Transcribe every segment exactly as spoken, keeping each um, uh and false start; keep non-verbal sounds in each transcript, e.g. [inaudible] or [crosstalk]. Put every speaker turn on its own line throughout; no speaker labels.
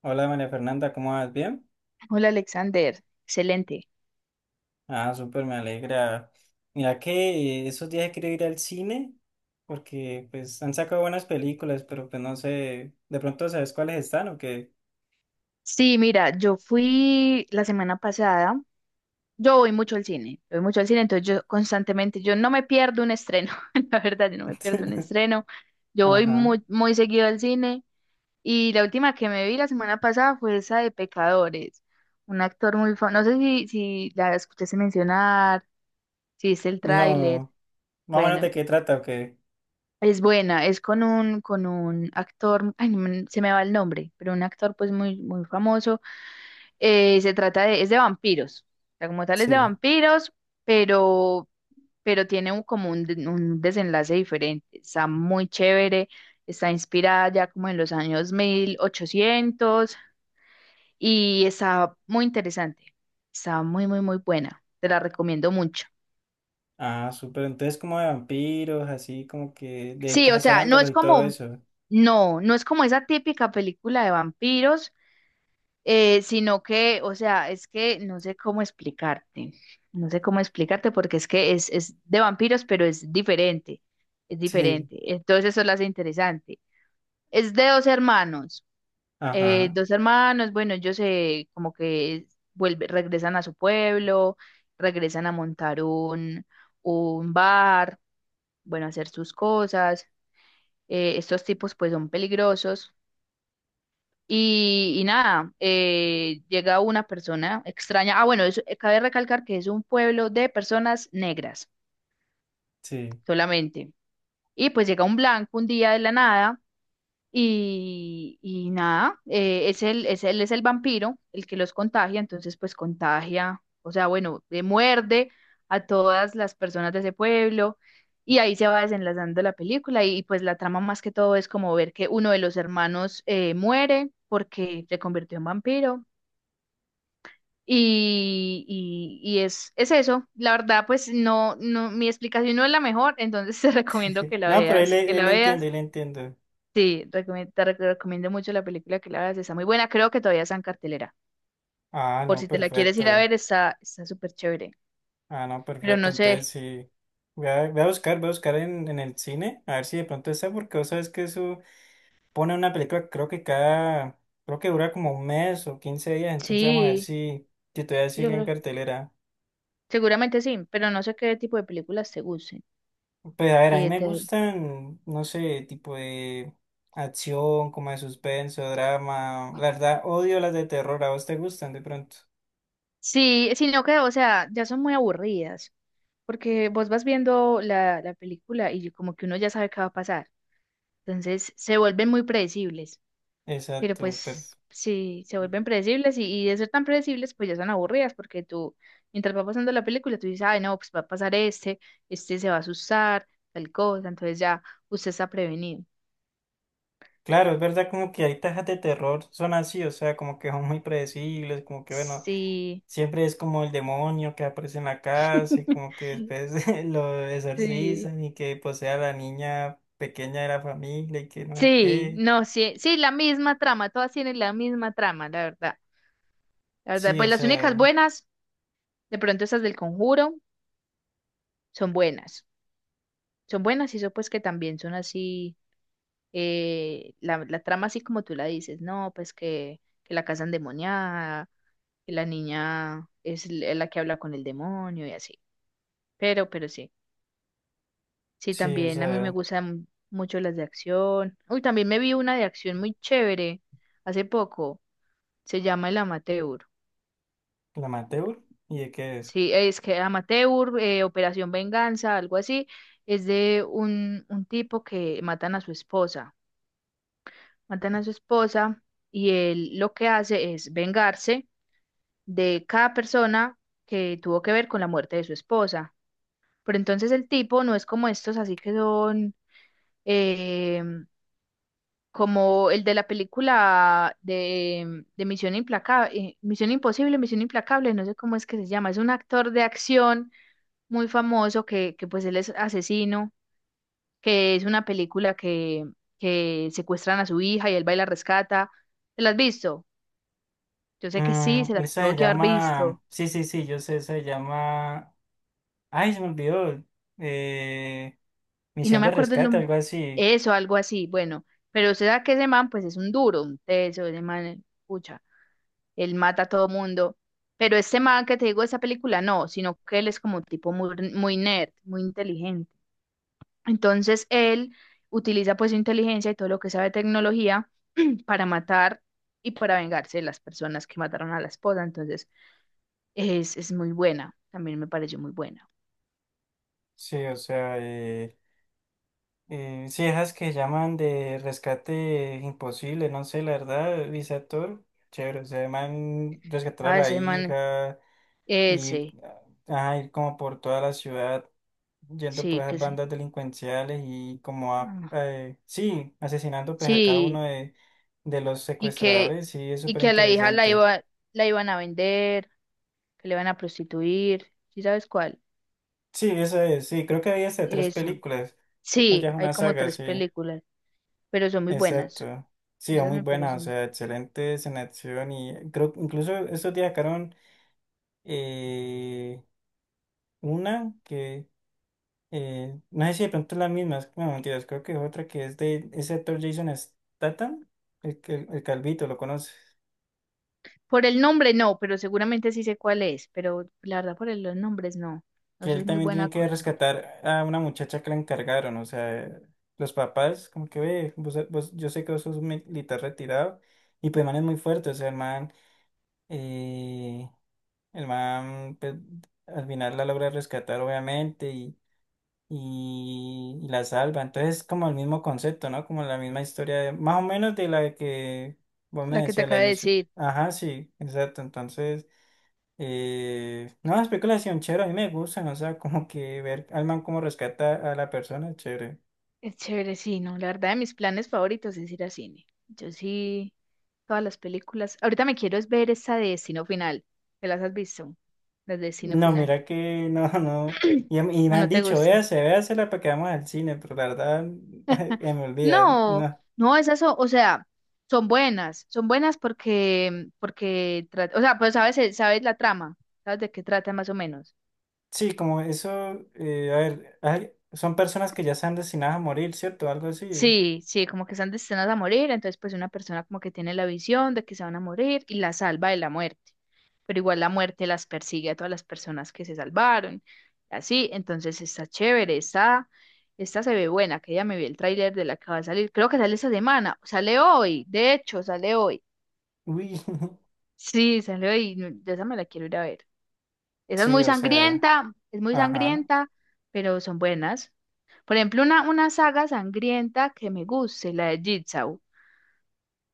Hola María Fernanda, ¿cómo vas? ¿Bien?
Hola Alexander, excelente.
Ah, súper, me alegra. Mira que eh, esos días quiero ir al cine porque pues han sacado buenas películas, pero pues no sé, de pronto sabes cuáles están o qué.
Sí, mira, yo fui la semana pasada, yo voy mucho al cine, voy mucho al cine, entonces yo constantemente, yo no me pierdo un estreno, [laughs] la verdad, yo no me pierdo un
[laughs]
estreno, yo voy
Ajá.
muy, muy seguido al cine y la última que me vi la semana pasada fue esa de Pecadores, un actor muy famoso, no sé si, si la escuchaste mencionar, si viste el tráiler,
No, más o menos
bueno,
de qué trata o qué.
es buena, es con un, con un actor, ay, no me- se me va el nombre, pero un actor pues muy, muy famoso. Eh, se trata de, es de vampiros. O sea, como tal es de
Sí.
vampiros, pero, pero tiene un, como un, de- un desenlace diferente. Está muy chévere, está inspirada ya como en los años mil ochocientos y está muy interesante. Está muy, muy, muy buena. Te la recomiendo mucho.
Ah, súper, entonces como de vampiros, así como que de ir
Sí, o sea, no
cazándolos
es
y todo
como,
eso.
no, no es como esa típica película de vampiros. Eh, sino que, o sea, es que no sé cómo explicarte, no sé cómo explicarte porque es que es, es de vampiros, pero es diferente, es
Sí.
diferente. Entonces eso lo hace interesante. Es de dos hermanos, eh,
Ajá,
dos hermanos, bueno, ellos se como que vuelve, regresan a su pueblo, regresan a montar un, un bar, bueno, a hacer sus cosas. Eh, estos tipos pues son peligrosos. Y, y nada, eh, llega una persona extraña. Ah, bueno, eso, eh, cabe recalcar que es un pueblo de personas negras
sí.
solamente. Y pues llega un blanco un día de la nada y, y nada, eh, es el, es el, es el vampiro el que los contagia, entonces pues contagia, o sea, bueno, eh, muerde a todas las personas de ese pueblo y ahí se va desenlazando la película y, pues la trama más que todo es como ver que uno de los hermanos eh, muere porque se convirtió en vampiro. Y, y, y es, es eso. La verdad, pues no, no, mi explicación no es la mejor, entonces [laughs] te recomiendo
[laughs]
que la
No, pero él,
veas, que
él
la
entiende,
veas.
él entiende.
Sí, recomie- te rec- recomiendo mucho la película que la veas, está muy buena, creo que todavía está en cartelera.
Ah,
Por
no,
si te la quieres ir a
perfecto.
ver, está, está súper chévere.
Ah, no,
Pero
perfecto.
no
Entonces
sé,
sí. Voy a, voy a buscar, voy a buscar en, en el cine, a ver si de pronto está, porque vos sabes que eso pone una película, creo que cada, creo que dura como un mes o quince días, entonces vamos a ver
sí,
si, si todavía
sí, yo
sigue en
creo,
cartelera.
seguramente sí, pero no sé qué tipo de películas te gusten.
Pues a ver, a mí
Sí,
me
te-
gustan, no sé, tipo de acción, como de suspenso, drama. La verdad, odio las de terror, ¿a vos te gustan de pronto?
sí, sino que, o sea, ya son muy aburridas, porque vos vas viendo la, la película y como que uno ya sabe qué va a pasar. Entonces se vuelven muy predecibles, pero
Exacto, perfecto.
pues sí, se vuelven predecibles y, y de ser tan predecibles, pues ya son aburridas porque tú, mientras va pasando la película, tú dices, ay, no, pues va a pasar este, este se va a asustar, tal cosa, entonces ya usted está prevenido.
Claro, es verdad como que hay tajas de terror, son así, o sea, como que son muy predecibles, como que bueno.
Sí,
Siempre es como el demonio que aparece en la casa y como
[laughs]
que después [laughs] lo
sí,
exorcizan y que posee a la niña pequeña de la familia y que no sé
sí,
qué.
no, sí, sí, la misma trama, todas tienen la misma trama, la verdad. La verdad,
Sí,
pues
o
las únicas
sea,
buenas, de pronto esas del Conjuro, son buenas. Son buenas y eso pues que también son así. Eh, la, la trama así como tú la dices, no, pues que, que la casa endemoniada, que la niña es l- la que habla con el demonio y así. Pero, pero sí, sí,
sí, o
también a mí me
sea,
gustan mucho las de acción. Uy, también me vi una de acción muy chévere hace poco, se llama El Amateur.
la Amateur, ¿y de qué es?
Sí, es que Amateur, eh, Operación Venganza, algo así, es de un, un tipo que matan a su esposa. Matan a su esposa y él lo que hace es vengarse de cada persona que tuvo que ver con la muerte de su esposa. Pero entonces el tipo no es como estos, así que son eh, como el de la película de, de Misión Implacable, Misión Imposible, Misión Implacable, no sé cómo es que se llama. Es un actor de acción muy famoso que, que pues él es asesino, que es una película que, que secuestran a su hija y él va y la rescata. ¿Te la has visto? Yo sé que sí,
Mm,
se la
esa
tuvo
se
que haber visto.
llama, sí, sí, sí, yo sé, esa se llama, ay, se me olvidó, eh,
Y no
Misión
me
de
acuerdo el
Rescate,
nombre,
algo así.
eso, algo así, bueno, pero usted sabe que ese man, pues es un duro, un teso, ese man, pucha, él mata a todo mundo, pero este man que te digo de esa película, no, sino que él es como un tipo muy, muy nerd, muy inteligente, entonces él utiliza pues su inteligencia y todo lo que sabe de tecnología para matar y para vengarse de las personas que mataron a la esposa, entonces es, es muy buena, también me pareció muy buena,
Sí, o sea, eh, Eh, sí, esas que llaman de rescate imposible, no sé, la verdad, ese actor, chévere, o sea, el man rescatar a
ah,
la
ese man,
hija y
ese,
ah, ir como por toda la ciudad, yendo por
sí,
esas
que se...
bandas delincuenciales y como a,
ah,
eh, sí, asesinando pues a cada
sí,
uno de, de los
y que,
secuestradores, sí, es
y
súper
que a la hija la
interesante.
iba, la iban a vender, que le iban a prostituir, ¿sí sabes cuál?
Sí, esa es, sí, creo que había hasta tres
Esa.
películas, o ya
Sí,
es
hay
una
como
saga,
tres
sí.
películas, pero son muy buenas.
Exacto. Sí, es
Esas
muy
me
buena, o
parecen.
sea, excelentes en acción y creo que incluso estos días sacaron eh, una que eh, no sé si de pronto es la misma, es- no mentiras, creo que es otra que es de ese actor Jason Statham, el, que- el calvito, lo conoces,
Por el nombre no, pero seguramente sí sé cuál es, pero la verdad por el- los nombres no. No
que él
soy muy
también
buena
tiene que
con los nombres.
rescatar a una muchacha que la encargaron, o sea, los papás como que ve, vos- vos- yo sé que vos sos un militar retirado y pues el man es muy fuerte, o sea, el man... eh, El man, pues, al final la logra rescatar, obviamente, y, y, y la salva. Entonces, es como el mismo concepto, ¿no? Como la misma historia, de- más o menos de la que vos me
La que te
decías, la
acabo de
emisión.
decir,
Ajá, sí, exacto. Entonces, eh, no, las películas son chéveres, a mí me gustan, o sea, como que ver al man cómo rescata a la persona, es chévere.
es chévere, sí, no. La verdad de mis planes favoritos es ir a cine. Yo sí, todas las películas. Ahorita me quiero es ver esa de Destino Final. ¿Te las has visto? Las de Destino
No,
Final.
mira que [laughs] no, no. Y, y me
¿O
han
no te
dicho,
gustan?
véase, véasela para que vamos al cine, pero la verdad, [laughs] me olvida,
No,
no.
no, esas son, o sea, son buenas, son buenas porque, porque, tra- o sea, pues sabes, el- sabes la trama, sabes de qué trata más o menos.
Sí, como eso, eh, a ver, hay- son personas que ya están destinadas a morir, ¿cierto? Algo así.
Sí, sí, como que están destinadas a morir, entonces pues una persona como que tiene la visión de que se van a morir y la salva de la muerte, pero igual la muerte las persigue a todas las personas que se salvaron, así, entonces está chévere, está, esta se ve buena, que ya me vi el tráiler de la que va a salir, creo que sale esta semana, sale hoy, de hecho, sale hoy.
Uy, [laughs]
Sí, salió y no- de esa me la quiero ir a ver. Esa es
sí,
muy
o sea,
sangrienta, es muy
ajá.
sangrienta, pero son buenas. Por ejemplo, una, una saga sangrienta que me guste, la de Jigsaw.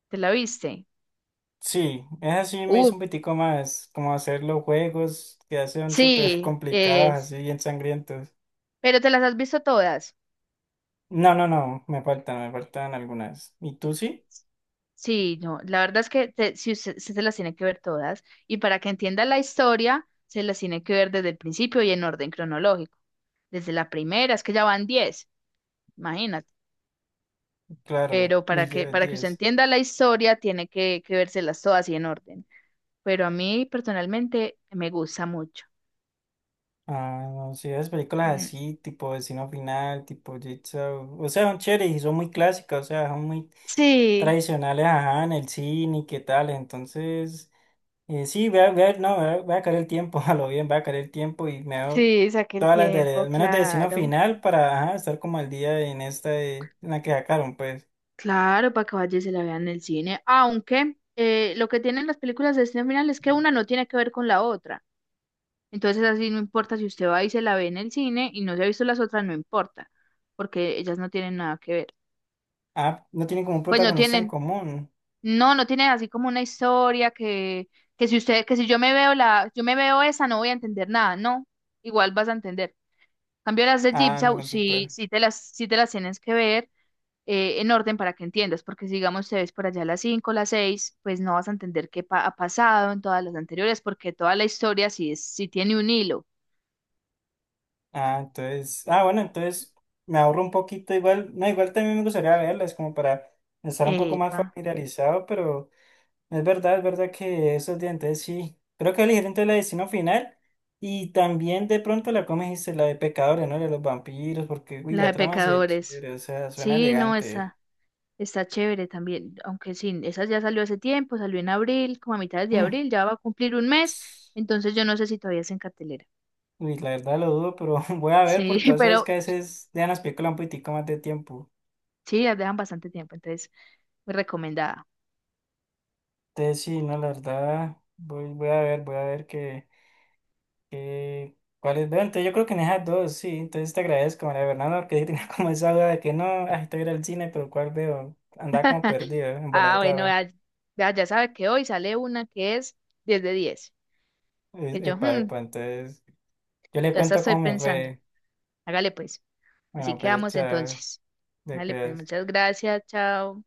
¿Te la viste?
Sí, eso sí me
Uh,
hizo un pitico más, como hacer los juegos que ya son súper [laughs]
sí,
complicados,
es.
así bien sangrientos.
Pero te las has visto todas.
No, no, no, me faltan, me faltan, algunas. ¿Y tú sí?
Sí, no, la verdad es que te- si usted, usted se las tiene que ver todas y para que entienda la historia, se las tiene que ver desde el principio y en orden cronológico. Desde la primera, es que ya van diez, imagínate.
Claro,
Pero
uy,
para que,
ya
para que usted
diez.
entienda la historia, tiene que, que vérselas todas y en orden. Pero a mí personalmente me gusta mucho.
Ah, no sé, las películas
Mm,
así, tipo Destino Final, tipo Jigsaw, o sea, son chéveres y son muy clásicas, o sea, son muy
sí,
tradicionales, ajá, en el cine y qué tal, entonces, eh, sí, voy a, voy a- no, voy a, voy a caer el tiempo, [laughs] a lo bien, voy a caer el tiempo y me veo
sí, saqué el
todas las de,
tiempo,
al menos de Destino
claro.
Final para, ajá, estar como al día en esta de, en la que sacaron, pues,
Claro, para que vaya y se la vean en el cine. Aunque eh, lo que tienen las películas de destino final es que una no tiene que ver con la otra. Entonces así no importa si usted va y se la ve en el cine y no se ha visto las otras, no importa, porque ellas no tienen nada que ver.
ah, no tienen como un
Pues no
protagonista en
tienen,
común.
no, no tiene así como una historia que, que si usted, que si yo me veo la, yo me veo esa, no voy a entender nada, no, igual vas a entender. En cambio las de
Ah,
Jigsaw,
no,
sí,
súper.
sí te las, sí te las tienes que ver eh, en orden para que entiendas, porque si digamos te ves por allá las cinco las seis pues no vas a entender qué pa- ha pasado en todas las anteriores, porque toda la historia sí es, sí tiene un hilo.
Ah, entonces, ah, bueno, entonces me ahorro un poquito, igual, no, igual también me gustaría verlas, como para estar un poco más
Epa,
familiarizado, pero es verdad, es verdad que esos dientes sí, creo que elegir entre la de Destino Final y también de pronto la, como dijiste, la de Pecadores, ¿no? La de los vampiros, porque, uy,
la
la
de
trama se ve
pecadores.
chévere, o sea, suena
Sí, no,
elegante.
esa. Está chévere también, aunque sí, esa ya salió hace tiempo, salió en abril, como a mitad de
Mm.
abril, ya va a cumplir un mes, entonces yo no sé si todavía es en cartelera.
Uy, la verdad lo dudo, pero [laughs] voy a ver
Sí,
porque
[laughs]
vos sabes que
pero
a veces dejan las películas un poquitico más de tiempo.
sí, las dejan bastante tiempo, entonces muy recomendada.
Entonces sí, no, la verdad, voy, voy a ver, voy a ver qué. Eh, ¿cuáles veo? Entonces yo creo que en esas dos, sí. Entonces te agradezco, María Fernanda, porque yo tenía [laughs] como esa duda de que no, ah, estoy ir al cine, pero ¿cuál veo? Andaba como perdido,
Ah, bueno,
embolatado.
ya, ya, ya sabe que hoy sale una que es diez de diez
Es
que yo
Epa,
hmm,
epa, entonces yo le
ya hasta
cuento
estoy
cómo me
pensando.
fue.
Hágale pues, así
Bueno, pues
quedamos
chao,
entonces.
te
Hágale pues,
cuidas.
muchas gracias, chao.